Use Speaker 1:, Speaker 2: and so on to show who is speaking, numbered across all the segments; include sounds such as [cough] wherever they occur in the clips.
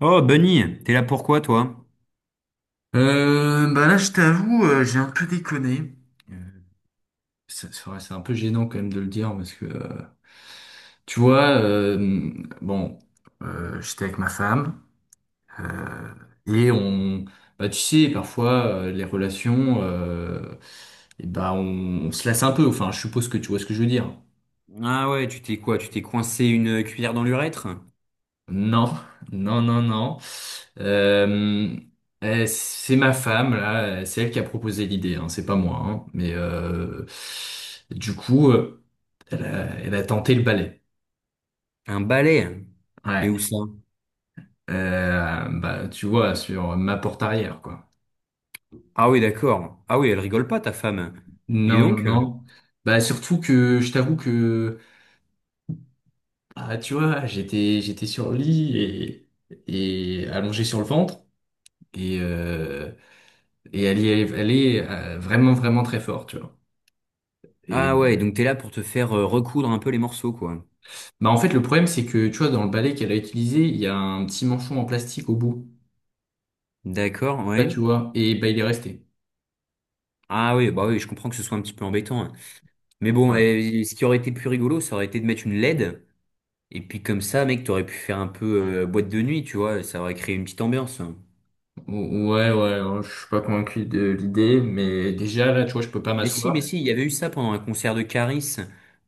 Speaker 1: Oh, Bunny, t'es là pourquoi, toi?
Speaker 2: Bah là, je t'avoue, j'ai un peu déconné. Euh, C'est vrai, c'est un peu gênant quand même de le dire parce que, tu vois, bon, j'étais avec ma femme euh, et on, bah tu sais, parfois les relations, et bah on se lasse un peu. Enfin, je suppose que tu vois ce que je veux dire.
Speaker 1: Ah ouais, tu t'es quoi? Tu t'es coincé une cuillère dans l'urètre?
Speaker 2: Non, [laughs] non, non, non. Euh, c'est ma femme là, c'est elle qui a proposé l'idée, hein, c'est pas moi, hein, mais du coup. Elle a, elle a tenté le ballet.
Speaker 1: Un balai? Mais où
Speaker 2: Ouais.
Speaker 1: ça?
Speaker 2: Bah, tu vois, sur ma porte arrière, quoi.
Speaker 1: Ah oui, d'accord. Ah oui, elle rigole pas, ta femme. Dis
Speaker 2: Non, non,
Speaker 1: donc.
Speaker 2: non. Bah, surtout que je t'avoue que, bah, tu vois, j'étais sur le lit et allongé sur le ventre. Et, euh, et elle est vraiment, vraiment très fort, tu vois. Et,
Speaker 1: Ah ouais, donc t'es là pour te faire recoudre un peu les morceaux, quoi.
Speaker 2: bah, en fait, le problème, c'est que, tu vois, dans le balai qu'elle a utilisé, il y a un petit manchon en plastique au bout.
Speaker 1: D'accord,
Speaker 2: Là, tu
Speaker 1: ouais.
Speaker 2: vois, et bah, il est resté.
Speaker 1: Ah oui, bah oui, je comprends que ce soit un petit peu embêtant, hein. Mais bon, eh, ce qui aurait été plus rigolo, ça aurait été de mettre une LED. Et puis comme ça, mec, t'aurais pu faire un peu boîte de nuit, tu vois. Ça aurait créé une petite ambiance, hein.
Speaker 2: Ouais, ouais, ouais, je suis pas convaincu de l'idée, mais déjà là, tu vois, je peux pas
Speaker 1: Mais
Speaker 2: m'asseoir.
Speaker 1: si, il y avait eu ça pendant un concert de Caris,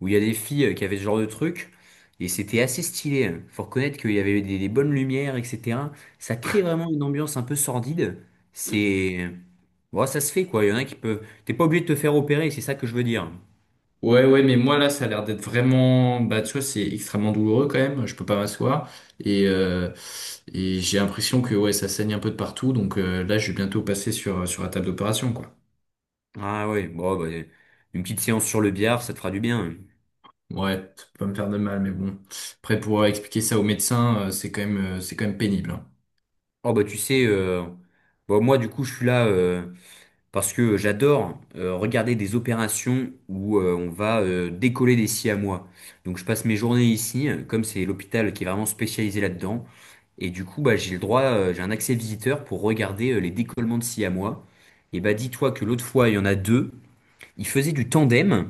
Speaker 1: où il y a des filles qui avaient ce genre de truc, et c'était assez stylé. Hein. Faut reconnaître qu'il y avait des bonnes lumières, etc. Ça crée vraiment une ambiance un peu sordide. C'est... Bon, ça se fait, quoi. Il y en a qui peuvent... T'es pas obligé de te faire opérer, c'est ça que je veux dire.
Speaker 2: Ouais, ouais, mais moi là, ça a l'air d'être vraiment, bah, tu vois, c'est extrêmement douloureux quand même. Je peux pas m'asseoir et et j'ai l'impression que ouais, ça saigne un peu de partout. Donc là, je vais bientôt passer sur sur la table d'opération, quoi.
Speaker 1: Ah ouais, bon, bah, une petite séance sur le billard, ça te fera du bien.
Speaker 2: Ouais, ça peut pas me faire de mal, mais bon. Après, pouvoir expliquer ça au médecin, c'est quand même pénible, hein.
Speaker 1: Oh bah tu sais, bon, moi du coup je suis là, parce que j'adore regarder des opérations où on va décoller des siamois. Donc je passe mes journées ici, comme c'est l'hôpital qui est vraiment spécialisé là-dedans. Et du coup, bah, j'ai le droit, j'ai un accès visiteur pour regarder les décollements de siamois. Et bah dis-toi que l'autre fois, il y en a deux. Ils faisaient du tandem.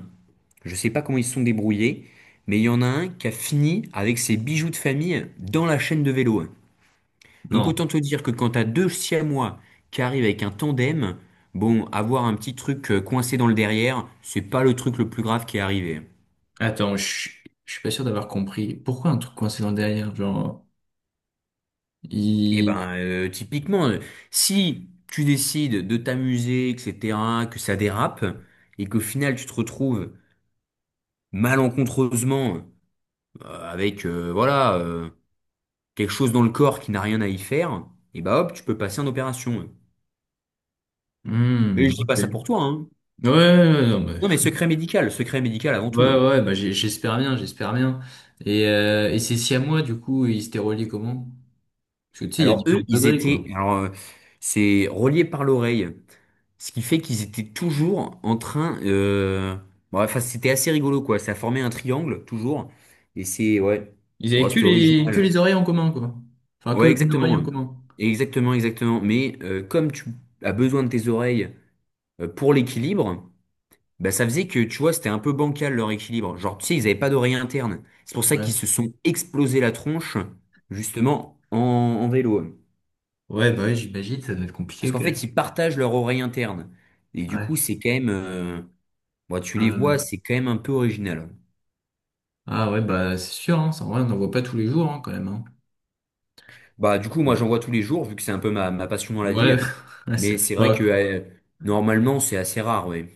Speaker 1: Je sais pas comment ils se sont débrouillés, mais il y en a un qui a fini avec ses bijoux de famille dans la chaîne de vélo. Donc
Speaker 2: Non,
Speaker 1: autant te dire que quand t'as deux siamois qui arrivent avec un tandem, bon, avoir un petit truc coincé dans le derrière, c'est pas le truc le plus grave qui est arrivé.
Speaker 2: attends, je suis pas sûr d'avoir compris. Pourquoi un truc coincé dans le derrière, genre
Speaker 1: Et
Speaker 2: il.
Speaker 1: ben typiquement, si tu décides de t'amuser, etc., que ça dérape, et qu'au final tu te retrouves malencontreusement avec voilà quelque chose dans le corps qui n'a rien à y faire, et bah hop, tu peux passer en opération.
Speaker 2: Hmm,
Speaker 1: Mais je dis pas ça pour
Speaker 2: ok.
Speaker 1: toi, hein.
Speaker 2: Ouais, ouais, ouais, non, mais
Speaker 1: Non mais secret médical avant
Speaker 2: ouais,
Speaker 1: tout, hein.
Speaker 2: ouais, bah j'espère bien, j'espère bien. Et ces Siamois, du coup, ils étaient reliés comment? Parce que tu sais, il y a
Speaker 1: Alors
Speaker 2: différents
Speaker 1: eux, ils
Speaker 2: degrés,
Speaker 1: étaient,
Speaker 2: quoi.
Speaker 1: alors c'est relié par l'oreille, ce qui fait qu'ils étaient toujours en train. Bon, enfin, c'était assez rigolo quoi. Ça formait un triangle toujours, et c'est ouais,
Speaker 2: Ils avaient
Speaker 1: bon,
Speaker 2: que
Speaker 1: c'était
Speaker 2: que
Speaker 1: original.
Speaker 2: les oreilles en commun, quoi. Enfin, que
Speaker 1: Ouais,
Speaker 2: une oreille
Speaker 1: exactement,
Speaker 2: en
Speaker 1: ouais,
Speaker 2: commun.
Speaker 1: exactement, exactement. Mais comme tu as besoin de tes oreilles pour l'équilibre, bah ça faisait que tu vois, c'était un peu bancal leur équilibre. Genre tu sais, ils n'avaient pas d'oreille interne. C'est pour ça qu'ils
Speaker 2: Ouais.
Speaker 1: se sont explosé la tronche justement en vélo.
Speaker 2: Ouais, bah ouais, j'imagine, ça doit être compliqué
Speaker 1: Parce qu'en
Speaker 2: quand même.
Speaker 1: fait, ils partagent leur oreille interne. Et du
Speaker 2: Ouais.
Speaker 1: coup, c'est quand même, bah, tu les
Speaker 2: Euh,
Speaker 1: vois, c'est quand même un peu original.
Speaker 2: ah ouais, bah c'est sûr, hein, ça, en vrai, on n'en voit pas tous les jours, hein, quand même, hein.
Speaker 1: Bah, du coup, moi, j'en vois tous les jours, vu que c'est un peu ma passion dans la
Speaker 2: Ouais,
Speaker 1: vie.
Speaker 2: [laughs] ouais,
Speaker 1: Mais
Speaker 2: c'est-
Speaker 1: c'est vrai que
Speaker 2: bah,
Speaker 1: normalement, c'est assez rare, ouais.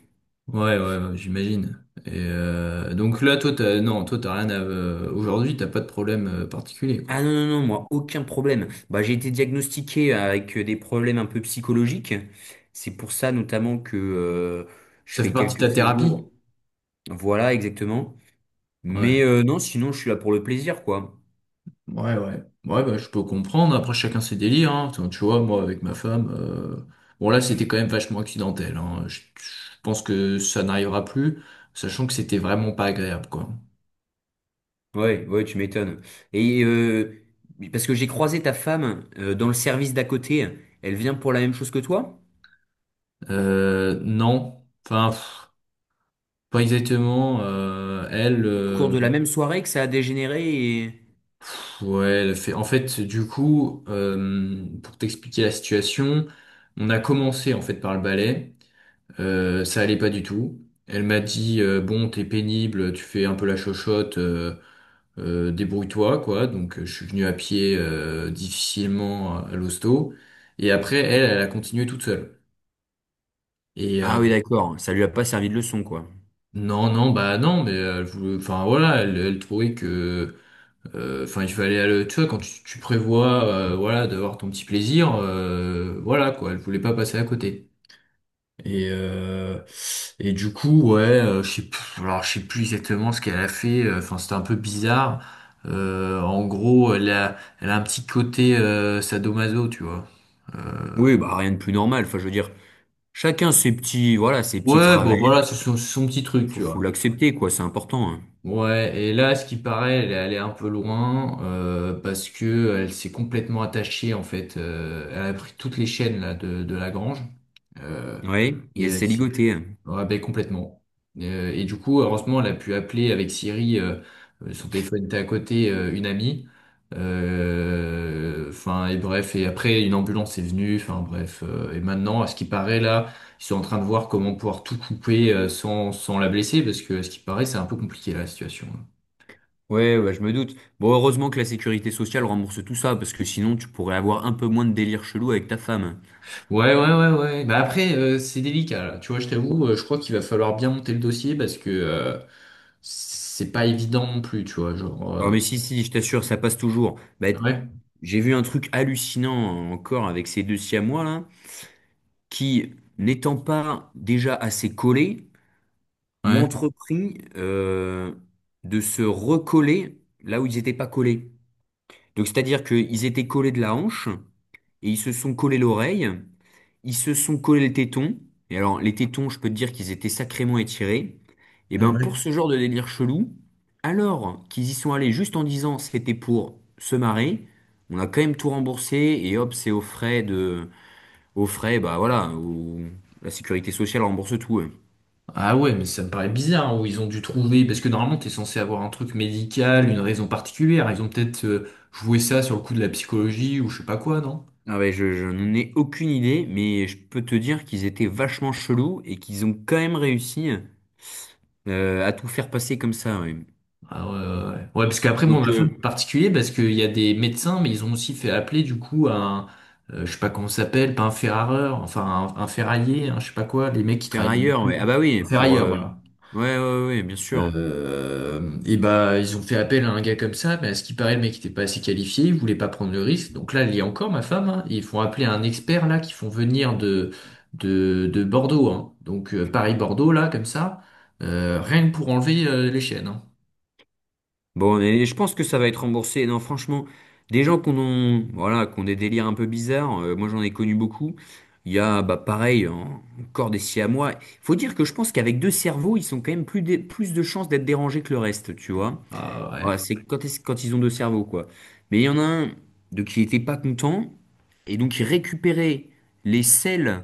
Speaker 2: ouais, ouais, ouais, j'imagine. Et donc là, toi, t'as, non, toi, t'as rien à, aujourd'hui, t'as pas de problème particulier,
Speaker 1: Ah
Speaker 2: quoi.
Speaker 1: non, non, non, moi, aucun problème. Bah, j'ai été diagnostiqué avec des problèmes un peu psychologiques. C'est pour ça, notamment, que je
Speaker 2: Ça fait
Speaker 1: fais
Speaker 2: partie de
Speaker 1: quelques
Speaker 2: ta thérapie?
Speaker 1: séjours. Voilà, exactement.
Speaker 2: Ouais,
Speaker 1: Mais non, sinon, je suis là pour le plaisir, quoi.
Speaker 2: ouais, ouais. Ouais, bah, je peux comprendre. Après, chacun ses délires, hein. Tu vois, moi, avec ma femme, bon, là, c'était quand même vachement accidentel, hein. Je pense que ça n'arrivera plus, sachant que c'était vraiment pas agréable, quoi.
Speaker 1: Ouais, ouais, tu m'étonnes. Et parce que j'ai croisé ta femme dans le service d'à côté, elle vient pour la même chose que toi?
Speaker 2: Non. Enfin, pff, pas exactement. Elle,
Speaker 1: Au cours de la même soirée que ça a dégénéré et...
Speaker 2: pff, ouais, elle a fait. En fait, du coup, pour t'expliquer la situation, on a commencé, en fait, par le ballet. Ça allait pas du tout. Elle m'a dit bon, t'es pénible, tu fais un peu la chochotte, débrouille-toi quoi. Donc je suis venu à pied difficilement à l'hosto. Et après elle, elle a continué toute seule. Et euh,
Speaker 1: Ah oui, d'accord, ça lui a pas servi de leçon, quoi.
Speaker 2: non, non, bah non, mais elle voulait- enfin voilà, elle, elle trouvait que, enfin il fallait aller, tu vois, quand tu prévois, voilà, d'avoir ton petit plaisir, voilà quoi, elle voulait pas passer à côté. Et, euh, et du coup, ouais, je sais plus, alors je sais plus exactement ce qu'elle a fait. Enfin, c'était un peu bizarre. En gros, elle a, elle a un petit côté sadomaso, tu vois.
Speaker 1: Oui, bah rien de plus normal, enfin je veux dire, chacun ses petits, voilà, ses petits
Speaker 2: Ouais, bon,
Speaker 1: travers,
Speaker 2: voilà, c'est son, son petit truc, tu
Speaker 1: faut
Speaker 2: vois.
Speaker 1: l'accepter, quoi, c'est important, hein.
Speaker 2: Ouais, et là, ce qui paraît, elle est allée un peu loin parce que elle s'est complètement attachée, en fait. Elle a pris toutes les chaînes là de la grange. Euh,
Speaker 1: Ouais, et
Speaker 2: et
Speaker 1: elle
Speaker 2: elle
Speaker 1: s'est
Speaker 2: s'est
Speaker 1: ligotée. Hein.
Speaker 2: ouais, ben, complètement. Et du coup, heureusement, elle a pu appeler avec Siri, son téléphone était à côté, une amie. Euh, Enfin, et bref, et après, une ambulance est venue, enfin bref. Et maintenant, à ce qui paraît, là, ils sont en train de voir comment pouvoir tout couper sans, sans la blesser, parce que à ce qui paraît, c'est un peu compliqué, là, la situation.
Speaker 1: Ouais, ouais, je me doute. Bon, heureusement que la sécurité sociale rembourse tout ça, parce que sinon tu pourrais avoir un peu moins de délire chelou avec ta femme.
Speaker 2: Ouais, ouais, ouais, ouais. Bah après, c'est délicat, là. Tu vois, je t'avoue, je crois qu'il va falloir bien monter le dossier, parce que c'est pas évident non plus, tu vois, genre...
Speaker 1: Non
Speaker 2: euh,
Speaker 1: mais si, si, je t'assure, ça passe toujours. Bah,
Speaker 2: Ouais,
Speaker 1: j'ai vu un truc hallucinant encore avec ces deux Siamois là, qui, n'étant pas déjà assez collés, ont
Speaker 2: ouais.
Speaker 1: entrepris de se recoller là où ils n'étaient pas collés. Donc c'est-à-dire qu'ils étaient collés de la hanche, et ils se sont collés l'oreille, ils se sont collés le téton. Et alors, les tétons, je peux te dire qu'ils étaient sacrément étirés. Et
Speaker 2: Ah
Speaker 1: ben,
Speaker 2: ouais.
Speaker 1: pour ce genre de délire chelou, alors qu'ils y sont allés juste en disant c'était pour se marrer, on a quand même tout remboursé et hop, c'est aux frais de, aux frais, bah voilà, au- la sécurité sociale rembourse tout, eux.
Speaker 2: Ah ouais, mais ça me paraît bizarre hein, où ils ont dû trouver, parce que normalement t'es censé avoir un truc médical, une raison particulière. Ils ont peut-être joué ça sur le coup de la psychologie ou je sais pas quoi, non?
Speaker 1: Ah ouais, je n'en ai aucune idée, mais je peux te dire qu'ils étaient vachement chelous et qu'ils ont quand même réussi à tout faire passer comme ça, ouais.
Speaker 2: Ah ouais, ouais, ouais. Ouais, parce qu'après moi
Speaker 1: Donc,
Speaker 2: ma femme c'est particulier parce qu'il y a des médecins, mais ils ont aussi fait appeler du coup à un, je sais pas comment ça s'appelle, pas un ferrareur, enfin un ferrailler, hein, je sais pas quoi, les mecs qui
Speaker 1: faire
Speaker 2: travaillent dans les
Speaker 1: ailleurs, ouais. Ah
Speaker 2: tôles.
Speaker 1: bah oui,
Speaker 2: Un
Speaker 1: pour...
Speaker 2: ferrailleur, voilà.
Speaker 1: ouais, ouais, ouais, ouais, bien sûr.
Speaker 2: Et bah ils ont fait appel à un gars comme ça, mais à ce qui paraît le mec était pas assez qualifié, il voulait pas prendre le risque. Donc là, il y a encore ma femme, hein, et ils font appeler un expert là qui font venir de de Bordeaux, hein. Donc Paris-Bordeaux là comme ça, rien que pour enlever les chaînes, hein.
Speaker 1: Bon, et je pense que ça va être remboursé. Non, franchement, des gens qu'on ont, voilà, qu'on des délires un peu bizarres, moi j'en ai connu beaucoup. Il y a, bah pareil, hein, encore des siamois. Faut dire que je pense qu'avec deux cerveaux, ils sont quand même plus, plus de chances d'être dérangés que le reste, tu vois.
Speaker 2: Ah
Speaker 1: Voilà,
Speaker 2: ouais,
Speaker 1: c'est quand, quand ils ont deux cerveaux, quoi. Mais il y en a un de qui était pas content, et donc il récupérait les selles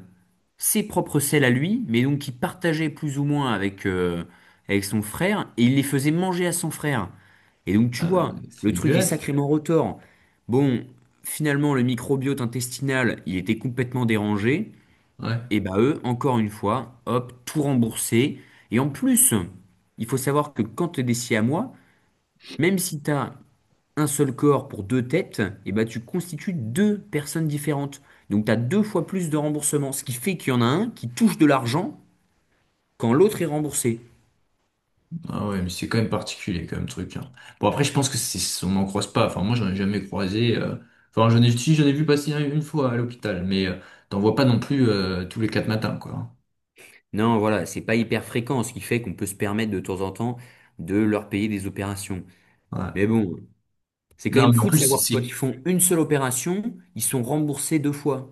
Speaker 1: ses propres selles à lui, mais donc qu'il partageait plus ou moins avec, avec son frère, et il les faisait manger à son frère. Et donc tu
Speaker 2: ah,
Speaker 1: vois,
Speaker 2: c'est
Speaker 1: le truc est
Speaker 2: dégueulasse.
Speaker 1: sacrément retors. Bon, finalement, le microbiote intestinal, il était complètement dérangé,
Speaker 2: Ouais.
Speaker 1: et bah eux, encore une fois, hop, tout remboursé. Et en plus, il faut savoir que quand tu es à moi, même si tu as un seul corps pour deux têtes, et bah tu constitues deux personnes différentes. Donc tu as deux fois plus de remboursement, ce qui fait qu'il y en a un qui touche de l'argent quand l'autre est remboursé.
Speaker 2: Ah ouais, mais c'est quand même particulier comme truc, hein. Bon après je pense que c'est on n'en croise pas. Enfin moi j'en ai jamais croisé. Enfin j'en ai si j'en ai vu passer une fois à l'hôpital, mais t'en vois pas non plus tous les quatre matins quoi, hein.
Speaker 1: Non, voilà, c'est pas hyper fréquent, ce qui fait qu'on peut se permettre de temps en temps de leur payer des opérations.
Speaker 2: Ouais.
Speaker 1: Mais bon, c'est quand
Speaker 2: Non
Speaker 1: même
Speaker 2: mais en
Speaker 1: fou de
Speaker 2: plus
Speaker 1: savoir que quand ils font une seule opération, ils sont remboursés deux fois.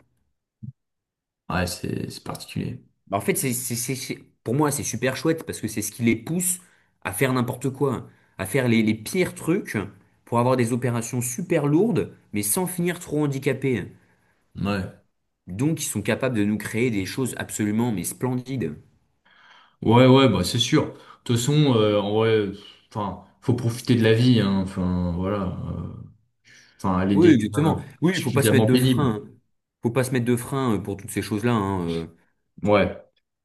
Speaker 2: ouais c'est particulier.
Speaker 1: Bah, en fait, pour moi, c'est super chouette parce que c'est ce qui les pousse à faire n'importe quoi, à faire les pires trucs pour avoir des opérations super lourdes, mais sans finir trop handicapés.
Speaker 2: Ouais,
Speaker 1: Donc, ils sont capables de nous créer des choses absolument, mais splendides.
Speaker 2: ouais, ouais, bah c'est sûr. De toute façon en vrai enfin faut profiter de la vie, hein. Enfin voilà. Enfin elle est
Speaker 1: Oui,
Speaker 2: déjà
Speaker 1: exactement. Oui, il faut pas se mettre
Speaker 2: suffisamment
Speaker 1: de
Speaker 2: pénible.
Speaker 1: frein, hein. Faut pas se mettre de frein pour toutes ces choses-là, hein.
Speaker 2: Ouais.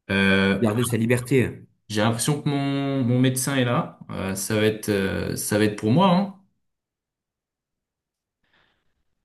Speaker 2: Euh,
Speaker 1: Garder sa liberté.
Speaker 2: j'ai l'impression que mon médecin est là. Ça va être pour moi, hein.